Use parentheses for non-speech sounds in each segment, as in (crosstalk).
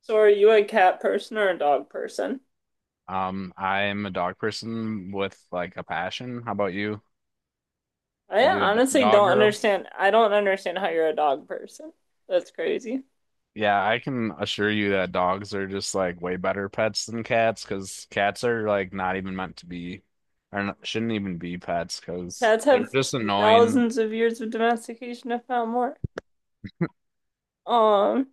So are you a cat person or a dog person? I am a dog person with like a passion. How about you? I Are you a honestly dog don't girl? understand. I don't understand how you're a dog person. That's crazy. Yeah, I can assure you that dogs are just like way better pets than cats because cats are like not even meant to be, or not, shouldn't even be pets because Cats they're have just annoying. thousands of years of domestication, if not more. Um,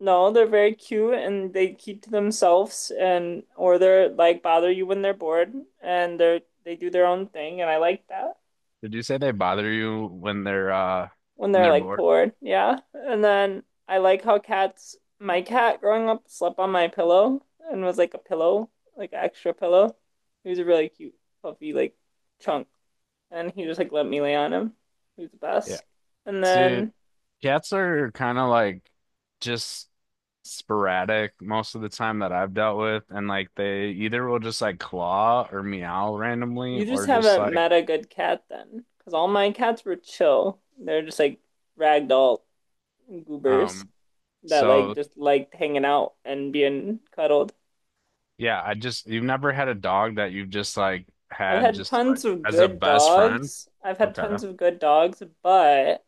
no, they're very cute and they keep to themselves, and or they're like bother you when they're bored, and they do their own thing and I like that. Did you say they bother you When when they're they're like bored? bored. Yeah. And then I like how cats, my cat growing up slept on my pillow and was like a pillow, like extra pillow. He was a really cute, puffy, like chunk. And he just like let me lay on him. He was the Yeah. best. And See, then cats are kind of like just sporadic most of the time that I've dealt with, and like they either will just like claw or meow randomly, you just or just haven't like met a good cat then. Because all my cats were chill. They're just like ragdoll goobers um. that like So just liked hanging out and being cuddled. yeah, I just you've never had a dog that you've just like I've had had just like tons of as a good best friend. dogs. I've had Okay. tons of good dogs, but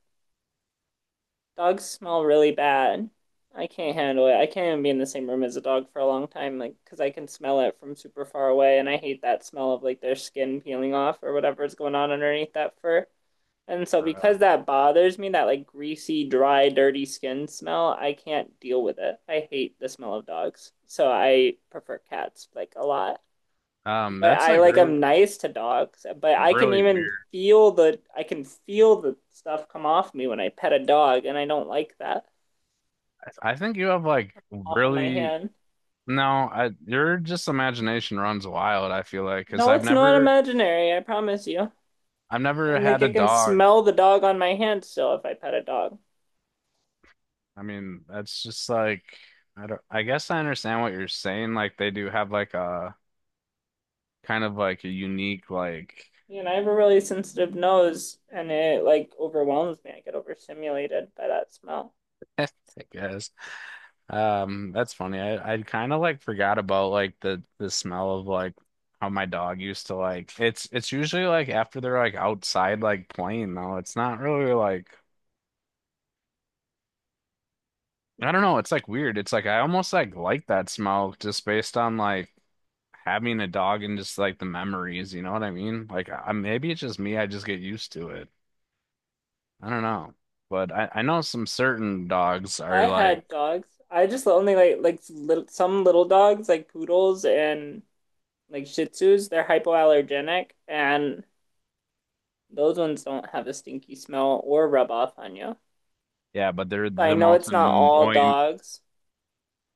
dogs smell really bad. I can't handle it. I can't even be in the same room as a dog for a long time, like, because I can smell it from super far away, and I hate that smell of like their skin peeling off or whatever is going on underneath that fur. And so, Uh, because that bothers me, that like greasy, dry, dirty skin smell, I can't deal with it. I hate the smell of dogs. So, I prefer cats like a lot. But that's I like like really I'm nice to dogs, but I can really even weird. feel the I can feel the stuff come off me when I pet a dog, and I don't like that I think you have like off on my really hand. no, I your just imagination runs wild, I feel like, because No, I've it's not never. imaginary, I promise you. I've never And like had I a can dog. smell the dog on my hand still if I pet a dog. I mean, that's just like I don't I guess I understand what you're saying. Like they do have like a kind of like a unique like You know, I have a really sensitive nose and it like overwhelms me. I get overstimulated by that smell. (laughs) I guess. That's funny. I kind of like forgot about like the smell of like how my dog used to like it's usually like after they're like outside like playing though. It's not really like I don't know. It's like weird. It's like I almost like that smell just based on like having a dog and just like the memories. You know what I mean? Like I, maybe it's just me. I just get used to it. I don't know. But I know some certain dogs I are like, had dogs. I just only like little, some little dogs like poodles and like Shih Tzus, they're hypoallergenic and those ones don't have a stinky smell or rub off on you. yeah, but they're So I the know most it's not all annoying. dogs.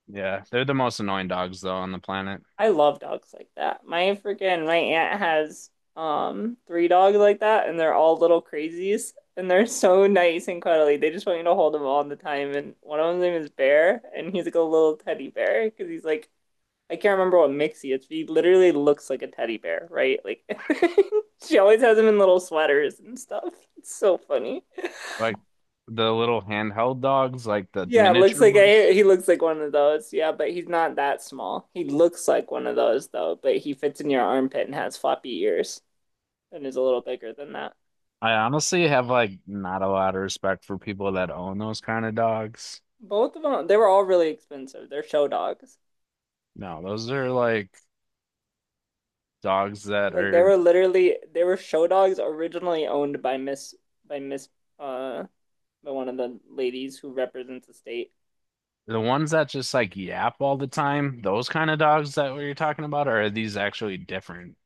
Yeah, they're the most annoying dogs though on the planet. I love dogs like that. My freaking my aunt has three dogs like that, and they're all little crazies, and they're so nice and cuddly. They just want you to hold them all the time. And one of them's name is Bear, and he's like a little teddy bear because he's like I can't remember what mix he is. He literally looks like a teddy bear, right? Like (laughs) she always has him in little sweaters and stuff. It's so funny. Like the little handheld dogs, like the Yeah, looks miniature like I, ones. he looks like one of those. Yeah, but he's not that small. He looks like one of those though, but he fits in your armpit and has floppy ears and is a little bigger than that. I honestly have like not a lot of respect for people that own those kind of dogs. Both of them, they were all really expensive. They're show dogs. No, those are like dogs that Like they are were literally they were show dogs originally owned by Miss by Miss uh by one of the ladies who represents the state. the ones that just like yap all the time, those kind of dogs that we are talking about, or are these actually different?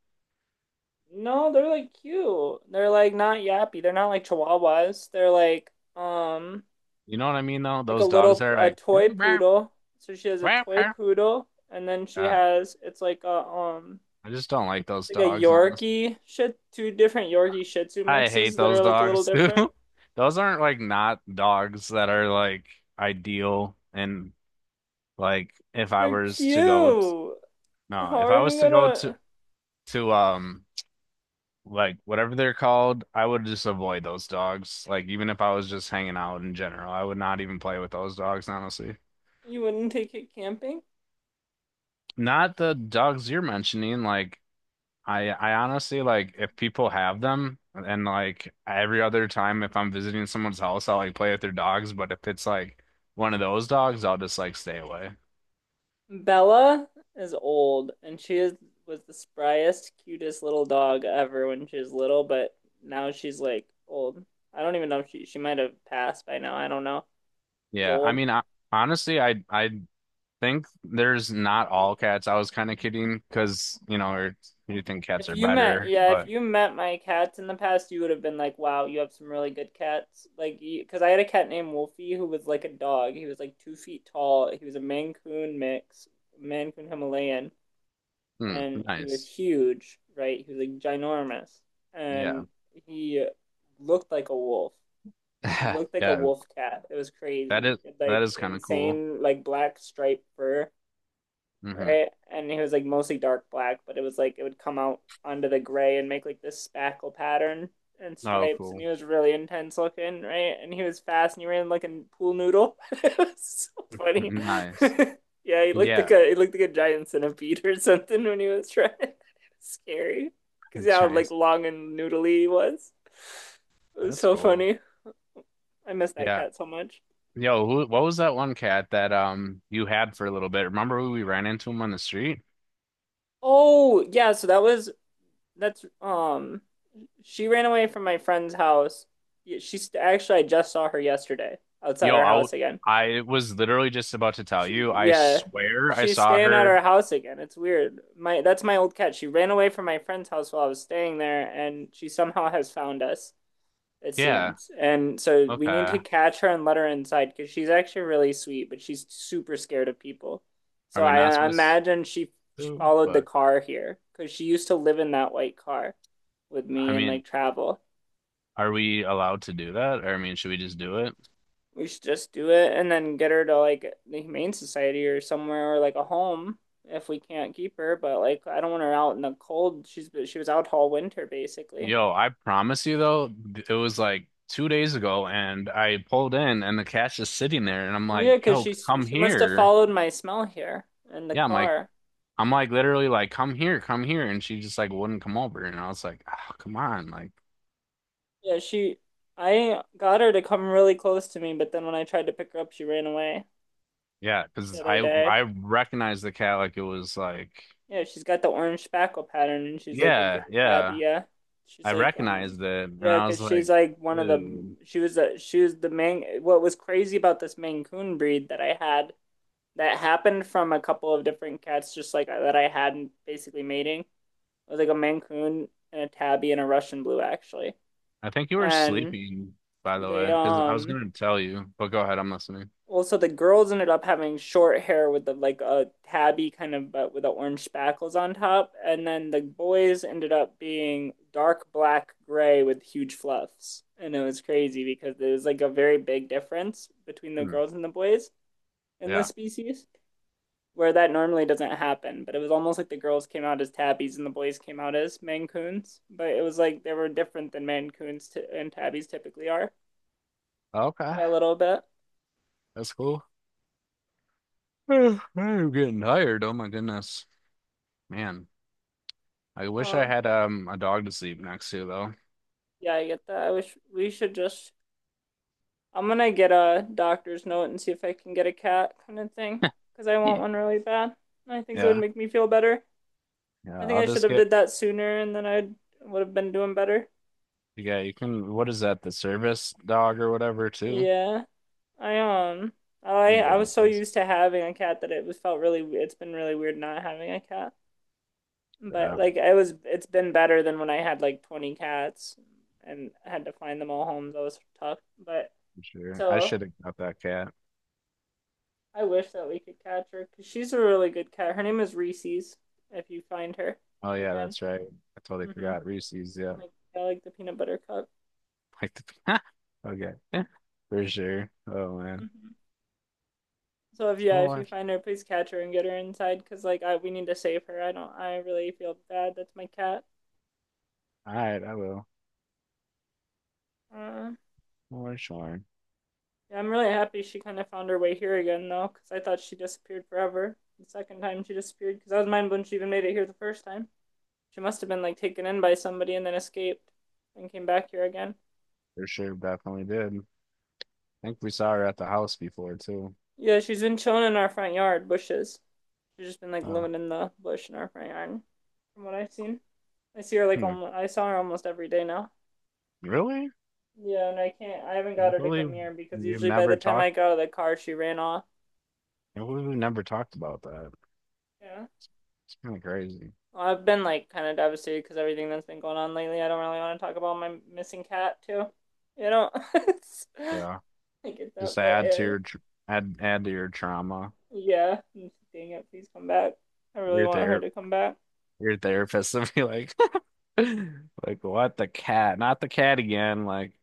No, they're like cute. They're like not yappy. They're not like chihuahuas. They're um You know what I mean though? like a Those dogs little that are a like toy poodle. So she has a toy got poodle, and then she it. has I just don't like it's those like a dogs, honestly. Yorkie shit two different Yorkie Shih Tzu I hate mixes that those are like a little dogs too. different. (laughs) Those aren't like not dogs that are like ideal and like if I They're was to cute. no, How if are I was you to go to gonna? to um like whatever they're called, I would just avoid those dogs. Like even if I was just hanging out in general, I would not even play with those dogs, honestly. You wouldn't take it camping? Not the dogs you're mentioning. Like I honestly like if people have them, and like every other time if I'm visiting someone's house, I'll like play with their dogs. But if it's like one of those dogs, I'll just like stay away. Bella is old, and she is was the spryest, cutest little dog ever when she was little, but now she's like old. I don't even know if she might have passed by now. I don't know. She's Yeah, I old. mean, I, honestly, I think there's not all cats. I was kind of kidding because you know, or you think cats If are you met, better, yeah, if but. you met my cats in the past, you would have been like, wow, you have some really good cats. Like, because I had a cat named Wolfie who was like a dog. He was like 2 feet tall. He was a Maine Coon mix, Maine Coon Himalayan, Hmm, and he was nice. huge, right? He was like ginormous. And Yeah. he looked like a wolf. He (laughs) looked like a Yeah, wolf cat. It was that crazy. is It, that like is kind of cool. insane, like black striped fur Hmm. right? And it was like mostly dark black, but it was like it would come out onto the gray and make like this spackle pattern and Oh, stripes. And he cool. was really intense looking, right? And he was fast, and he ran like a pool noodle. (laughs) It was so funny. Nice. (laughs) Yeah, he looked like Yeah, a he looked like a giant centipede or something when he was trying. (laughs) It was scary because (laughs) how like giants. long and noodly he was. It was That's so cool. funny. I miss that Yeah. cat so much. Yo, who, what was that one cat that you had for a little bit? Remember who we ran into him on the street? Oh yeah, so that was that's she ran away from my friend's house. Yeah, she's actually, I just saw her yesterday outside Yo, our I house again. I was literally just about to tell She's, you. I yeah, swear I she's saw staying at her. our house again. It's weird. My, that's my old cat. She ran away from my friend's house while I was staying there, and she somehow has found us, it Yeah. seems. And so we need Okay. to catch her and let her inside because she's actually really sweet, but she's super scared of people. Are So we I, not I supposed imagine she to? followed the But car here because she used to live in that white car with I me and mean, like travel. are we allowed to do that? Or I mean, should we just do it? We should just do it and then get her to like the Humane Society or somewhere or like a home if we can't keep her. But like, I don't want her out in the cold. She was out all winter basically. Yo, I promise you though, it was like 2 days ago and I pulled in and the cash is sitting there and I'm Yeah, like, because yo, she come she must have here. followed my smell here in the Yeah, car. I'm like literally like, come here, come here. And she just like wouldn't come over. And I was like, oh, come on. Like, Yeah, she I got her to come really close to me, but then when I tried to pick her up, she ran away yeah, the because other I day. I recognized the cat like it was like, Yeah, she's got the orange spackle pattern, and she's like a yeah, great tabby. yeah. Yeah, she's I like recognized it. And yeah, I because was she's like, like one of the dude, she was a she was the main. What was crazy about this Maine Coon breed that I had that happened from a couple of different cats, just like that I had basically mating. It was like a Maine Coon and a tabby and a Russian blue actually, I think you were and sleeping, by the way, they because I was um gonna tell you, but go ahead, I'm listening. also, the girls ended up having short hair with the like a tabby kind of but with the orange spackles on top, and then the boys ended up being dark black gray with huge fluffs. And it was crazy because there was like a very big difference between the Hmm, girls and the boys in this yeah. species, where that normally doesn't happen. But it was almost like the girls came out as tabbies and the boys came out as mancoons. But it was like they were different than mancoons t- and tabbies typically are Okay. by a little bit. That's cool. Ugh, I'm getting tired. Oh my goodness. Man, I wish I Um, had a dog to sleep next to though. yeah, I get that. I wish we should just I'm gonna get a doctor's note and see if I can get a cat kind of thing because I want Yeah. one really bad. I think it would Yeah, make me feel better. I Yeah, think I'll I should just have get did that sooner and then I would have been doing better. yeah, you can what is that, the service dog or whatever too? Yeah, I You I can I get one was of so those. used to having a cat that it was felt really it's been really weird not having a cat. But Yeah, like I was it's been better than when I had like 20 cats and I had to find them all homes. That was tough. But for sure. I so should have got that cat. I wish that we could catch her because she's a really good cat. Her name is Reese's. If you find her Oh yeah, again, that's right. I totally mm-hmm. forgot. Reese's, yeah. (laughs) Like I like the peanut butter cup. Like the (laughs) okay. Yeah, for sure. Oh man. Mm-hmm. So if yeah, if you Sure. find her, please catch her and get her inside because like I we need to save her. I don't. I really feel bad. That's my cat. All right, I will. Uh, For sure. yeah, I'm really happy she kind of found her way here again though because I thought she disappeared forever. The second time she disappeared because I was mind blown she even made it here the first time. She must have been like taken in by somebody and then escaped and came back here again. For sure, definitely did. I think we saw her at the house before too. Yeah, she's been chilling in our front yard, bushes. She's just been like Oh. living in the bush in our front yard, from what I've seen. I see her like Hmm. almost, I saw her almost every day now. Really? Yeah, and I can't, I haven't I got her to come believe here because we've usually by never the time talked. I got out of the car, she ran off. I believe we've never talked about that. Yeah. It's, it's kind of crazy. Well, I've been like kind of devastated because everything that's been going on lately. I don't really want to talk about my missing cat too. You know, (laughs) it's- Yeah. I get that, Just but add to your tr add add to your trauma. yeah, dang it, please come back. I really Your want her ther to come back. your therapist would be like, (laughs) like what the cat? Not the cat again. Like,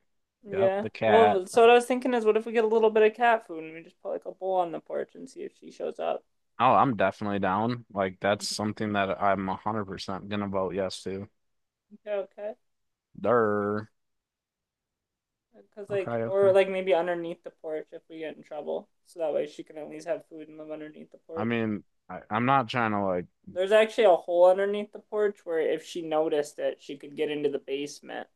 yep, Yeah. the cat. Well, so what I was thinking is, what if we get a little bit of cat food and we just put like a bowl on the porch and see if she shows up? Oh, I'm definitely down. Like that's Mhm. something that I'm 100% gonna vote yes to. Okay, okay. There. Because like, Okay, or okay. like maybe underneath the porch if we get in trouble, so that way she can at least have food and live underneath the I porch. mean, I, I'm not trying to like, There's actually a hole underneath the porch where if she noticed it, she could get into the basement,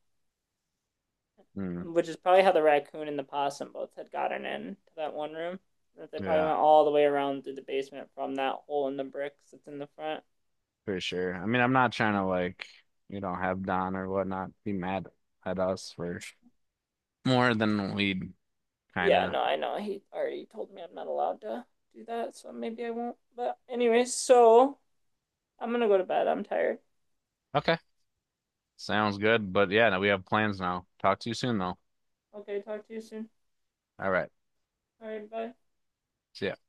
mm, which is probably how the raccoon and the possum both had gotten in to that one room. That they probably yeah. went all the way around through the basement from that hole in the bricks that's in the front. For sure. I mean, I'm not trying to like, you know, have Don or whatnot be mad at us for more than we'd kind Yeah, of. no, I know. He already told me I'm not allowed to do that, so maybe I won't. But anyways, so I'm gonna go to bed. I'm tired. Okay, sounds good. But yeah, no, we have plans now. Talk to you soon, though. Okay, talk to you soon. All right, All right, bye. see ya.